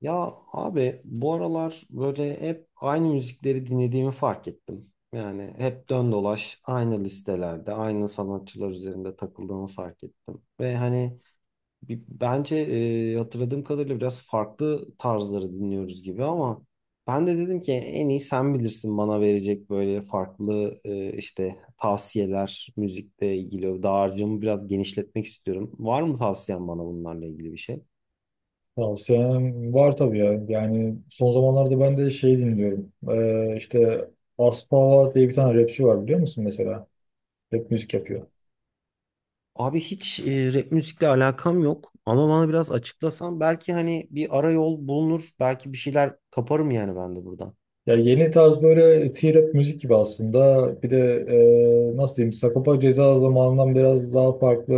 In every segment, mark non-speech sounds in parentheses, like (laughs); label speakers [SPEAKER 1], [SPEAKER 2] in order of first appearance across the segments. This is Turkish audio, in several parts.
[SPEAKER 1] Ya abi bu aralar böyle hep aynı müzikleri dinlediğimi fark ettim. Yani hep dön dolaş aynı listelerde, aynı sanatçılar üzerinde takıldığımı fark ettim. Ve hani bence hatırladığım kadarıyla biraz farklı tarzları dinliyoruz gibi ama ben de dedim ki en iyi sen bilirsin bana verecek böyle farklı işte tavsiyeler müzikle ilgili. Dağarcığımı biraz genişletmek istiyorum. Var mı tavsiyen bana bunlarla ilgili bir şey?
[SPEAKER 2] Tavsiyem var tabii ya. Yani son zamanlarda ben de şey dinliyorum. İşte Aspava diye bir tane rapçi var biliyor musun mesela? Rap müzik yapıyor.
[SPEAKER 1] Abi hiç rap müzikle alakam yok ama bana biraz açıklasan belki hani bir ara yol bulunur belki bir şeyler kaparım yani ben de buradan.
[SPEAKER 2] Ya yeni tarz böyle T-rap müzik gibi aslında. Bir de nasıl diyeyim Sagopa Ceza zamanından biraz daha farklı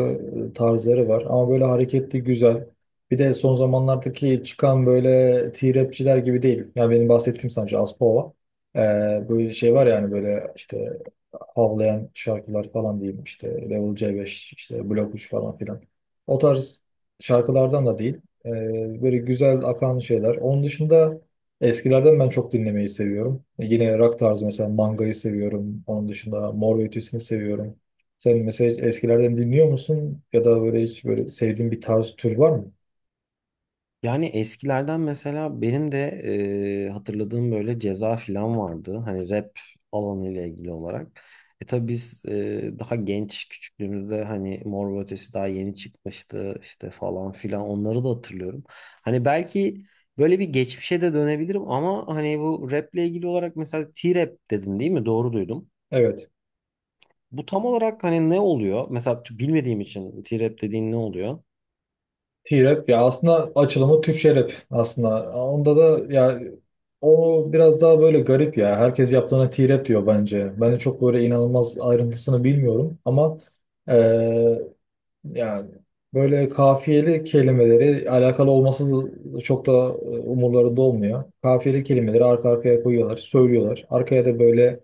[SPEAKER 2] tarzları var. Ama böyle hareketli güzel. Bir de son zamanlardaki çıkan böyle T-rapçiler gibi değil. Yani benim bahsettiğim sanatçı Aspava. Ee, böyle şey var yani böyle işte havlayan şarkılar falan diyeyim işte Level C5 işte Blok 3 falan filan. O tarz şarkılardan da değil. Böyle güzel akan şeyler. Onun dışında eskilerden ben çok dinlemeyi seviyorum. Yine rock tarzı mesela Manga'yı seviyorum. Onun dışında Mor ve Ötesi'ni seviyorum. Sen mesela hiç eskilerden dinliyor musun? Ya da böyle hiç böyle sevdiğin bir tarz tür var mı?
[SPEAKER 1] Yani eskilerden mesela benim de hatırladığım böyle Ceza falan vardı hani rap alanıyla ilgili olarak. E tabi biz daha genç küçüklüğümüzde hani Mor ve Ötesi daha yeni çıkmıştı işte falan filan onları da hatırlıyorum. Hani belki böyle bir geçmişe de dönebilirim ama hani bu raple ilgili olarak mesela T-Rap dedin değil mi? Doğru duydum.
[SPEAKER 2] Evet.
[SPEAKER 1] Bu tam olarak hani ne oluyor? Mesela bilmediğim için T-Rap dediğin ne oluyor?
[SPEAKER 2] T-Rap ya aslında açılımı Türkçe rap aslında. Onda da ya o biraz daha böyle garip ya. Herkes yaptığına T-Rap diyor bence. Ben de çok böyle inanılmaz ayrıntısını bilmiyorum ama yani böyle kafiyeli kelimeleri alakalı olması çok da umurlarında olmuyor. Kafiyeli kelimeleri arka arkaya koyuyorlar, söylüyorlar. Arkaya da böyle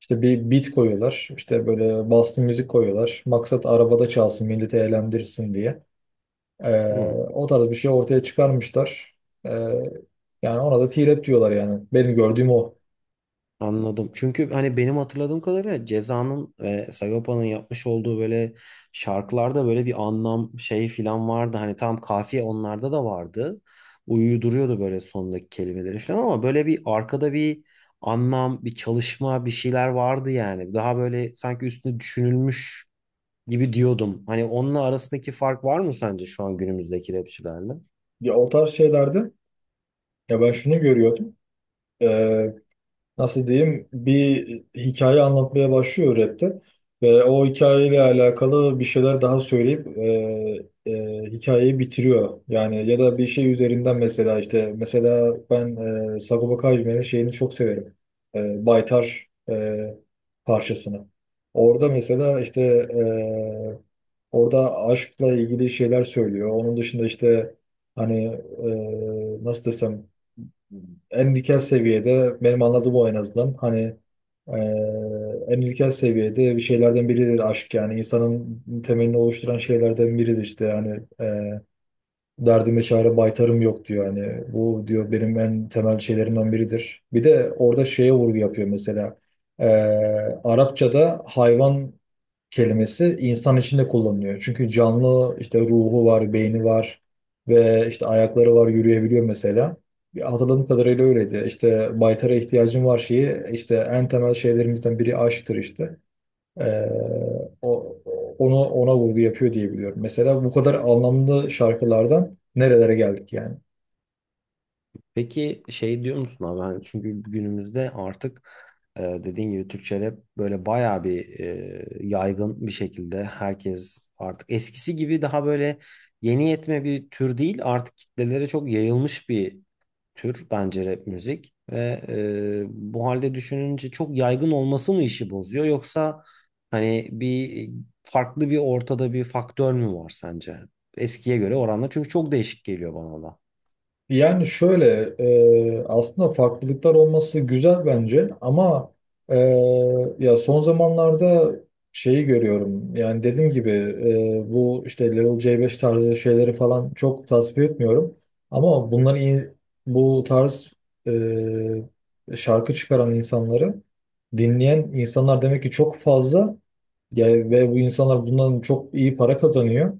[SPEAKER 2] işte bir beat koyuyorlar. İşte böyle bastı müzik koyuyorlar. Maksat arabada çalsın, milleti eğlendirsin diye. Ee,
[SPEAKER 1] Hı,
[SPEAKER 2] o tarz bir şey ortaya çıkarmışlar. Ee, yani ona da t diyorlar yani. Benim gördüğüm o.
[SPEAKER 1] anladım. Çünkü hani benim hatırladığım kadarıyla Ceza'nın ve Sagopa'nın yapmış olduğu böyle şarkılarda böyle bir anlam şey filan vardı. Hani tam kafiye onlarda da vardı. Uyuduruyordu böyle sondaki kelimeleri filan ama böyle bir arkada bir anlam, bir çalışma, bir şeyler vardı yani. Daha böyle sanki üstüne düşünülmüş gibi diyordum. Hani onunla arasındaki fark var mı sence şu an günümüzdeki rapçilerle?
[SPEAKER 2] Ya o tarz şeylerde ya ben şunu görüyordum. E, nasıl diyeyim bir hikaye anlatmaya başlıyor rapte ve o hikayeyle alakalı bir şeyler daha söyleyip hikayeyi bitiriyor. Yani ya da bir şey üzerinden mesela işte mesela ben Sagopa Kajmer'in şeyini çok severim. Baytar parçasını. Orada mesela işte orada aşkla ilgili şeyler söylüyor. Onun dışında işte hani nasıl desem en ilkel seviyede benim anladığım o en azından hani en ilkel seviyede bir şeylerden biridir aşk yani insanın temelini oluşturan şeylerden biridir işte yani derdime çare baytarım yok diyor hani bu diyor benim en temel şeylerimden biridir. Bir de orada şeye vurgu yapıyor mesela. Ee, Arapçada hayvan kelimesi insan içinde kullanılıyor. Çünkü canlı işte ruhu var, beyni var ve işte ayakları var, yürüyebiliyor mesela. Hatırladığım kadarıyla öyleydi. İşte baytara ihtiyacım var şeyi işte en temel şeylerimizden biri aşktır işte. Ee, o, onu ona vurgu yapıyor diye biliyorum. Mesela bu kadar anlamlı şarkılardan nerelere geldik yani?
[SPEAKER 1] Peki şey diyor musun abi? Hani çünkü günümüzde artık dediğin gibi Türkçe rap böyle bayağı bir yaygın bir şekilde herkes artık eskisi gibi daha böyle yeni yetme bir tür değil artık kitlelere çok yayılmış bir tür bence rap müzik ve bu halde düşününce çok yaygın olması mı işi bozuyor yoksa hani bir farklı bir ortada bir faktör mü var sence eskiye göre oranla çünkü çok değişik geliyor bana da.
[SPEAKER 2] Yani şöyle, aslında farklılıklar olması güzel bence ama e, ya son zamanlarda şeyi görüyorum yani dediğim gibi bu işte Level C5 tarzı şeyleri falan çok tasvip etmiyorum ama bunların bu tarz şarkı çıkaran insanları dinleyen insanlar demek ki çok fazla yani ve bu insanlar bundan çok iyi para kazanıyor.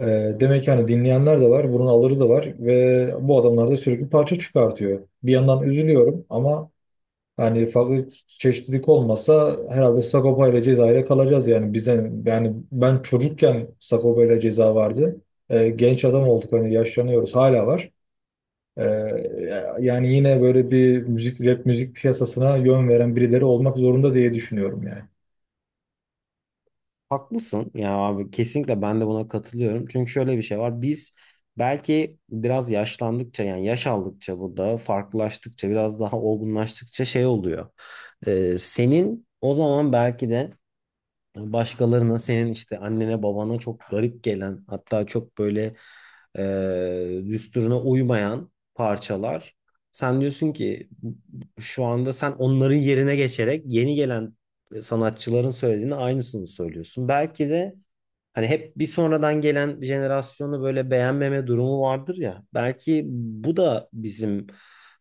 [SPEAKER 2] E, demek ki hani dinleyenler de var, bunun alırı da var ve bu adamlar da sürekli parça çıkartıyor. Bir yandan üzülüyorum ama hani farklı çeşitlilik olmasa herhalde Sagopa ile Ceza'yla kalacağız yani bize yani ben çocukken Sagopa ile Ceza vardı. Genç adam olduk hani yaşlanıyoruz hala var. E, yani yine böyle bir müzik rap müzik piyasasına yön veren birileri olmak zorunda diye düşünüyorum yani.
[SPEAKER 1] Haklısın ya abi kesinlikle ben de buna katılıyorum. Çünkü şöyle bir şey var. Biz belki biraz yaşlandıkça yani yaş aldıkça burada farklılaştıkça biraz daha olgunlaştıkça şey oluyor. Senin o zaman belki de başkalarına senin işte annene babana çok garip gelen hatta çok böyle düsturuna uymayan parçalar. Sen diyorsun ki şu anda sen onların yerine geçerek yeni gelen sanatçıların söylediğini aynısını söylüyorsun. Belki de hani hep bir sonradan gelen jenerasyonu böyle beğenmeme durumu vardır ya. Belki bu da bizim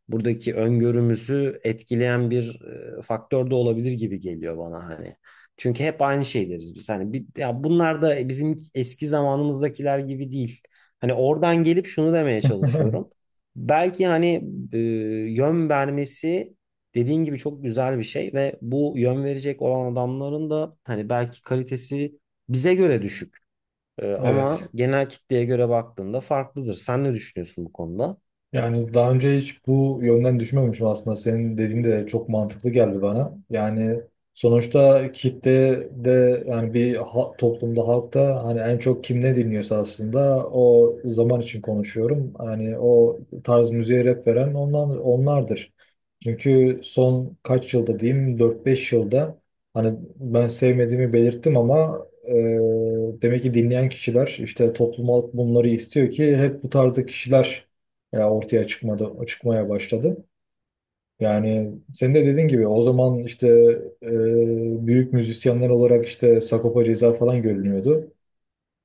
[SPEAKER 1] buradaki öngörümüzü etkileyen bir faktör de olabilir gibi geliyor bana hani. Çünkü hep aynı şey deriz biz. Hani bir, ya bunlar da bizim eski zamanımızdakiler gibi değil. Hani oradan gelip şunu demeye
[SPEAKER 2] (laughs)
[SPEAKER 1] çalışıyorum. Belki hani e, yön vermesi dediğin gibi çok güzel bir şey ve bu yön verecek olan adamların da hani belki kalitesi bize göre düşük.
[SPEAKER 2] Evet.
[SPEAKER 1] Ama genel kitleye göre baktığında farklıdır. Sen ne düşünüyorsun bu konuda?
[SPEAKER 2] Yani daha önce hiç bu yönden düşünmemişim aslında. Senin dediğin de çok mantıklı geldi bana. Yani sonuçta kitle de yani bir toplumda halkta hani en çok kim ne dinliyorsa aslında o zaman için konuşuyorum. Hani o tarz müziğe rap veren onlar, onlardır. Çünkü son kaç yılda diyeyim dört beş yılda hani ben sevmediğimi belirttim ama demek ki dinleyen kişiler işte toplum bunları istiyor ki hep bu tarzda kişiler ya ortaya çıkmadı, çıkmaya başladı. Yani senin de dediğin gibi o zaman işte e, büyük müzisyenler olarak işte Sagopa Ceza falan görünüyordu.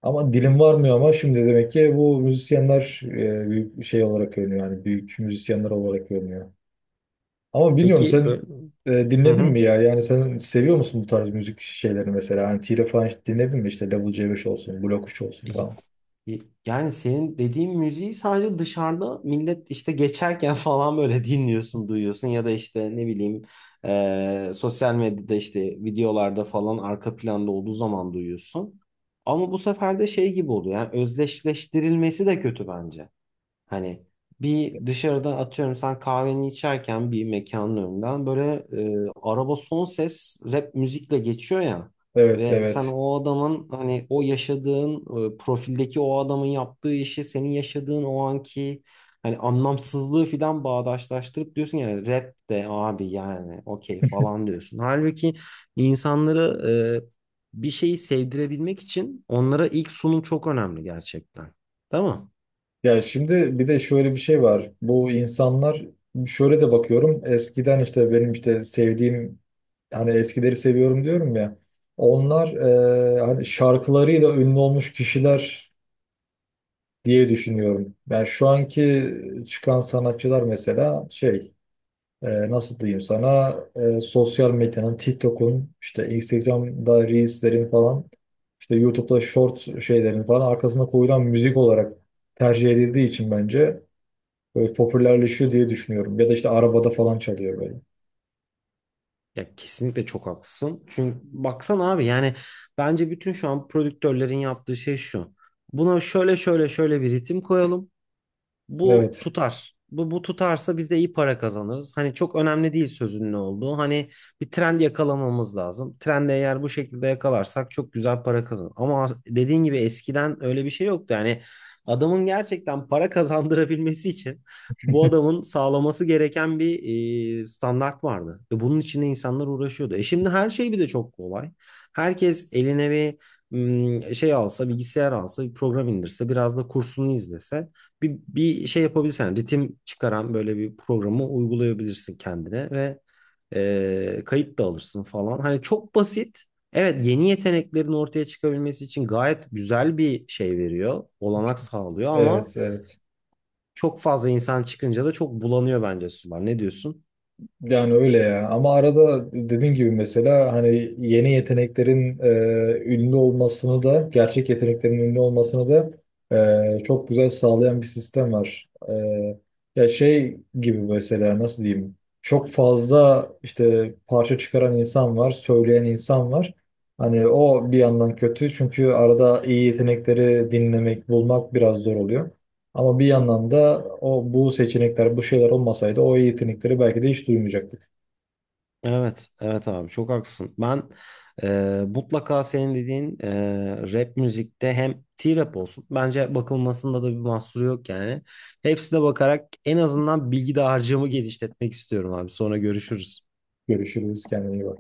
[SPEAKER 2] Ama dilim varmıyor ama şimdi demek ki bu müzisyenler büyük şey olarak görünüyor. Yani büyük müzisyenler olarak görünüyor. Ama bilmiyorum
[SPEAKER 1] Peki böyle.
[SPEAKER 2] sen
[SPEAKER 1] Hı
[SPEAKER 2] dinledin
[SPEAKER 1] hı.
[SPEAKER 2] mi ya? Yani sen seviyor musun bu tarz müzik şeylerini mesela? Hani Tire falan hiç dinledin mi? İşte Level C5 olsun, Blok 3 olsun
[SPEAKER 1] İyi.
[SPEAKER 2] falan.
[SPEAKER 1] İyi. Yani senin dediğin müziği sadece dışarıda millet işte geçerken (laughs) falan böyle dinliyorsun, duyuyorsun ya da işte ne bileyim sosyal medyada işte videolarda falan arka planda olduğu zaman duyuyorsun. Ama bu sefer de şey gibi oluyor. Yani özdeşleştirilmesi de kötü bence. Hani bir dışarıda atıyorum sen kahveni içerken bir mekanın önünden böyle araba son ses rap müzikle geçiyor ya
[SPEAKER 2] Evet,
[SPEAKER 1] ve sen
[SPEAKER 2] evet.
[SPEAKER 1] o adamın hani o yaşadığın profildeki o adamın yaptığı işi senin yaşadığın o anki hani anlamsızlığı filan bağdaşlaştırıp diyorsun yani rap de abi yani okey falan diyorsun. Halbuki insanları bir şeyi sevdirebilmek için onlara ilk sunum çok önemli gerçekten. Değil mi?
[SPEAKER 2] Ya şimdi bir de şöyle bir şey var. Bu insanlar şöyle de bakıyorum. Eskiden işte benim işte sevdiğim hani eskileri seviyorum diyorum ya. Onlar hani şarkılarıyla ünlü olmuş kişiler diye düşünüyorum. Ben şu anki çıkan sanatçılar mesela şey nasıl diyeyim sana sosyal medyanın TikTok'un işte Instagram'da Reels'lerin falan işte YouTube'da short şeylerin falan arkasına koyulan müzik olarak tercih edildiği için bence böyle popülerleşiyor diye düşünüyorum. Ya da işte arabada falan çalıyor böyle.
[SPEAKER 1] Ya kesinlikle çok haklısın. Çünkü baksana abi yani bence bütün şu an prodüktörlerin yaptığı şey şu. Buna şöyle şöyle şöyle bir ritim koyalım bu
[SPEAKER 2] Evet,
[SPEAKER 1] tutar. Bu tutarsa biz de iyi para kazanırız. Hani çok önemli değil sözün ne olduğu. Hani bir trend yakalamamız lazım. Trendi eğer bu şekilde yakalarsak çok güzel para kazanır. Ama dediğin gibi eskiden öyle bir şey yoktu. Yani adamın gerçekten para (laughs) kazandırabilmesi için bu adamın sağlaması gereken bir standart vardı. Ve bunun içinde insanlar uğraşıyordu. E şimdi her şey bir de çok kolay. Herkes eline bir şey alsa, bilgisayar alsa, bir program indirse, biraz da kursunu izlese bir şey yapabilirsen ritim çıkaran böyle bir programı uygulayabilirsin kendine ve kayıt da alırsın falan. Hani çok basit. Evet, yeni yeteneklerin ortaya çıkabilmesi için gayet güzel bir şey veriyor, olanak sağlıyor
[SPEAKER 2] evet,
[SPEAKER 1] ama
[SPEAKER 2] evet.
[SPEAKER 1] çok fazla insan çıkınca da çok bulanıyor bence sular. Ne diyorsun?
[SPEAKER 2] Yani öyle ya. Ama arada dediğim gibi mesela hani yeni yeteneklerin ünlü olmasını da gerçek yeteneklerin ünlü olmasını da çok güzel sağlayan bir sistem var. Ya şey gibi mesela nasıl diyeyim? Çok fazla işte parça çıkaran insan var, söyleyen insan var. Hani o bir yandan kötü çünkü arada iyi yetenekleri dinlemek, bulmak biraz zor oluyor. Ama bir yandan da o bu seçenekler, bu şeyler olmasaydı o yetenekleri belki de hiç duymayacaktık.
[SPEAKER 1] Evet, evet abi çok haklısın. Ben mutlaka senin dediğin rap müzikte hem T-rap olsun. Bence bakılmasında da bir mahsuru yok yani. Hepsine bakarak en azından bilgi dağarcığımı genişletmek istiyorum abi. Sonra görüşürüz.
[SPEAKER 2] Görüşürüz, kendine iyi bak.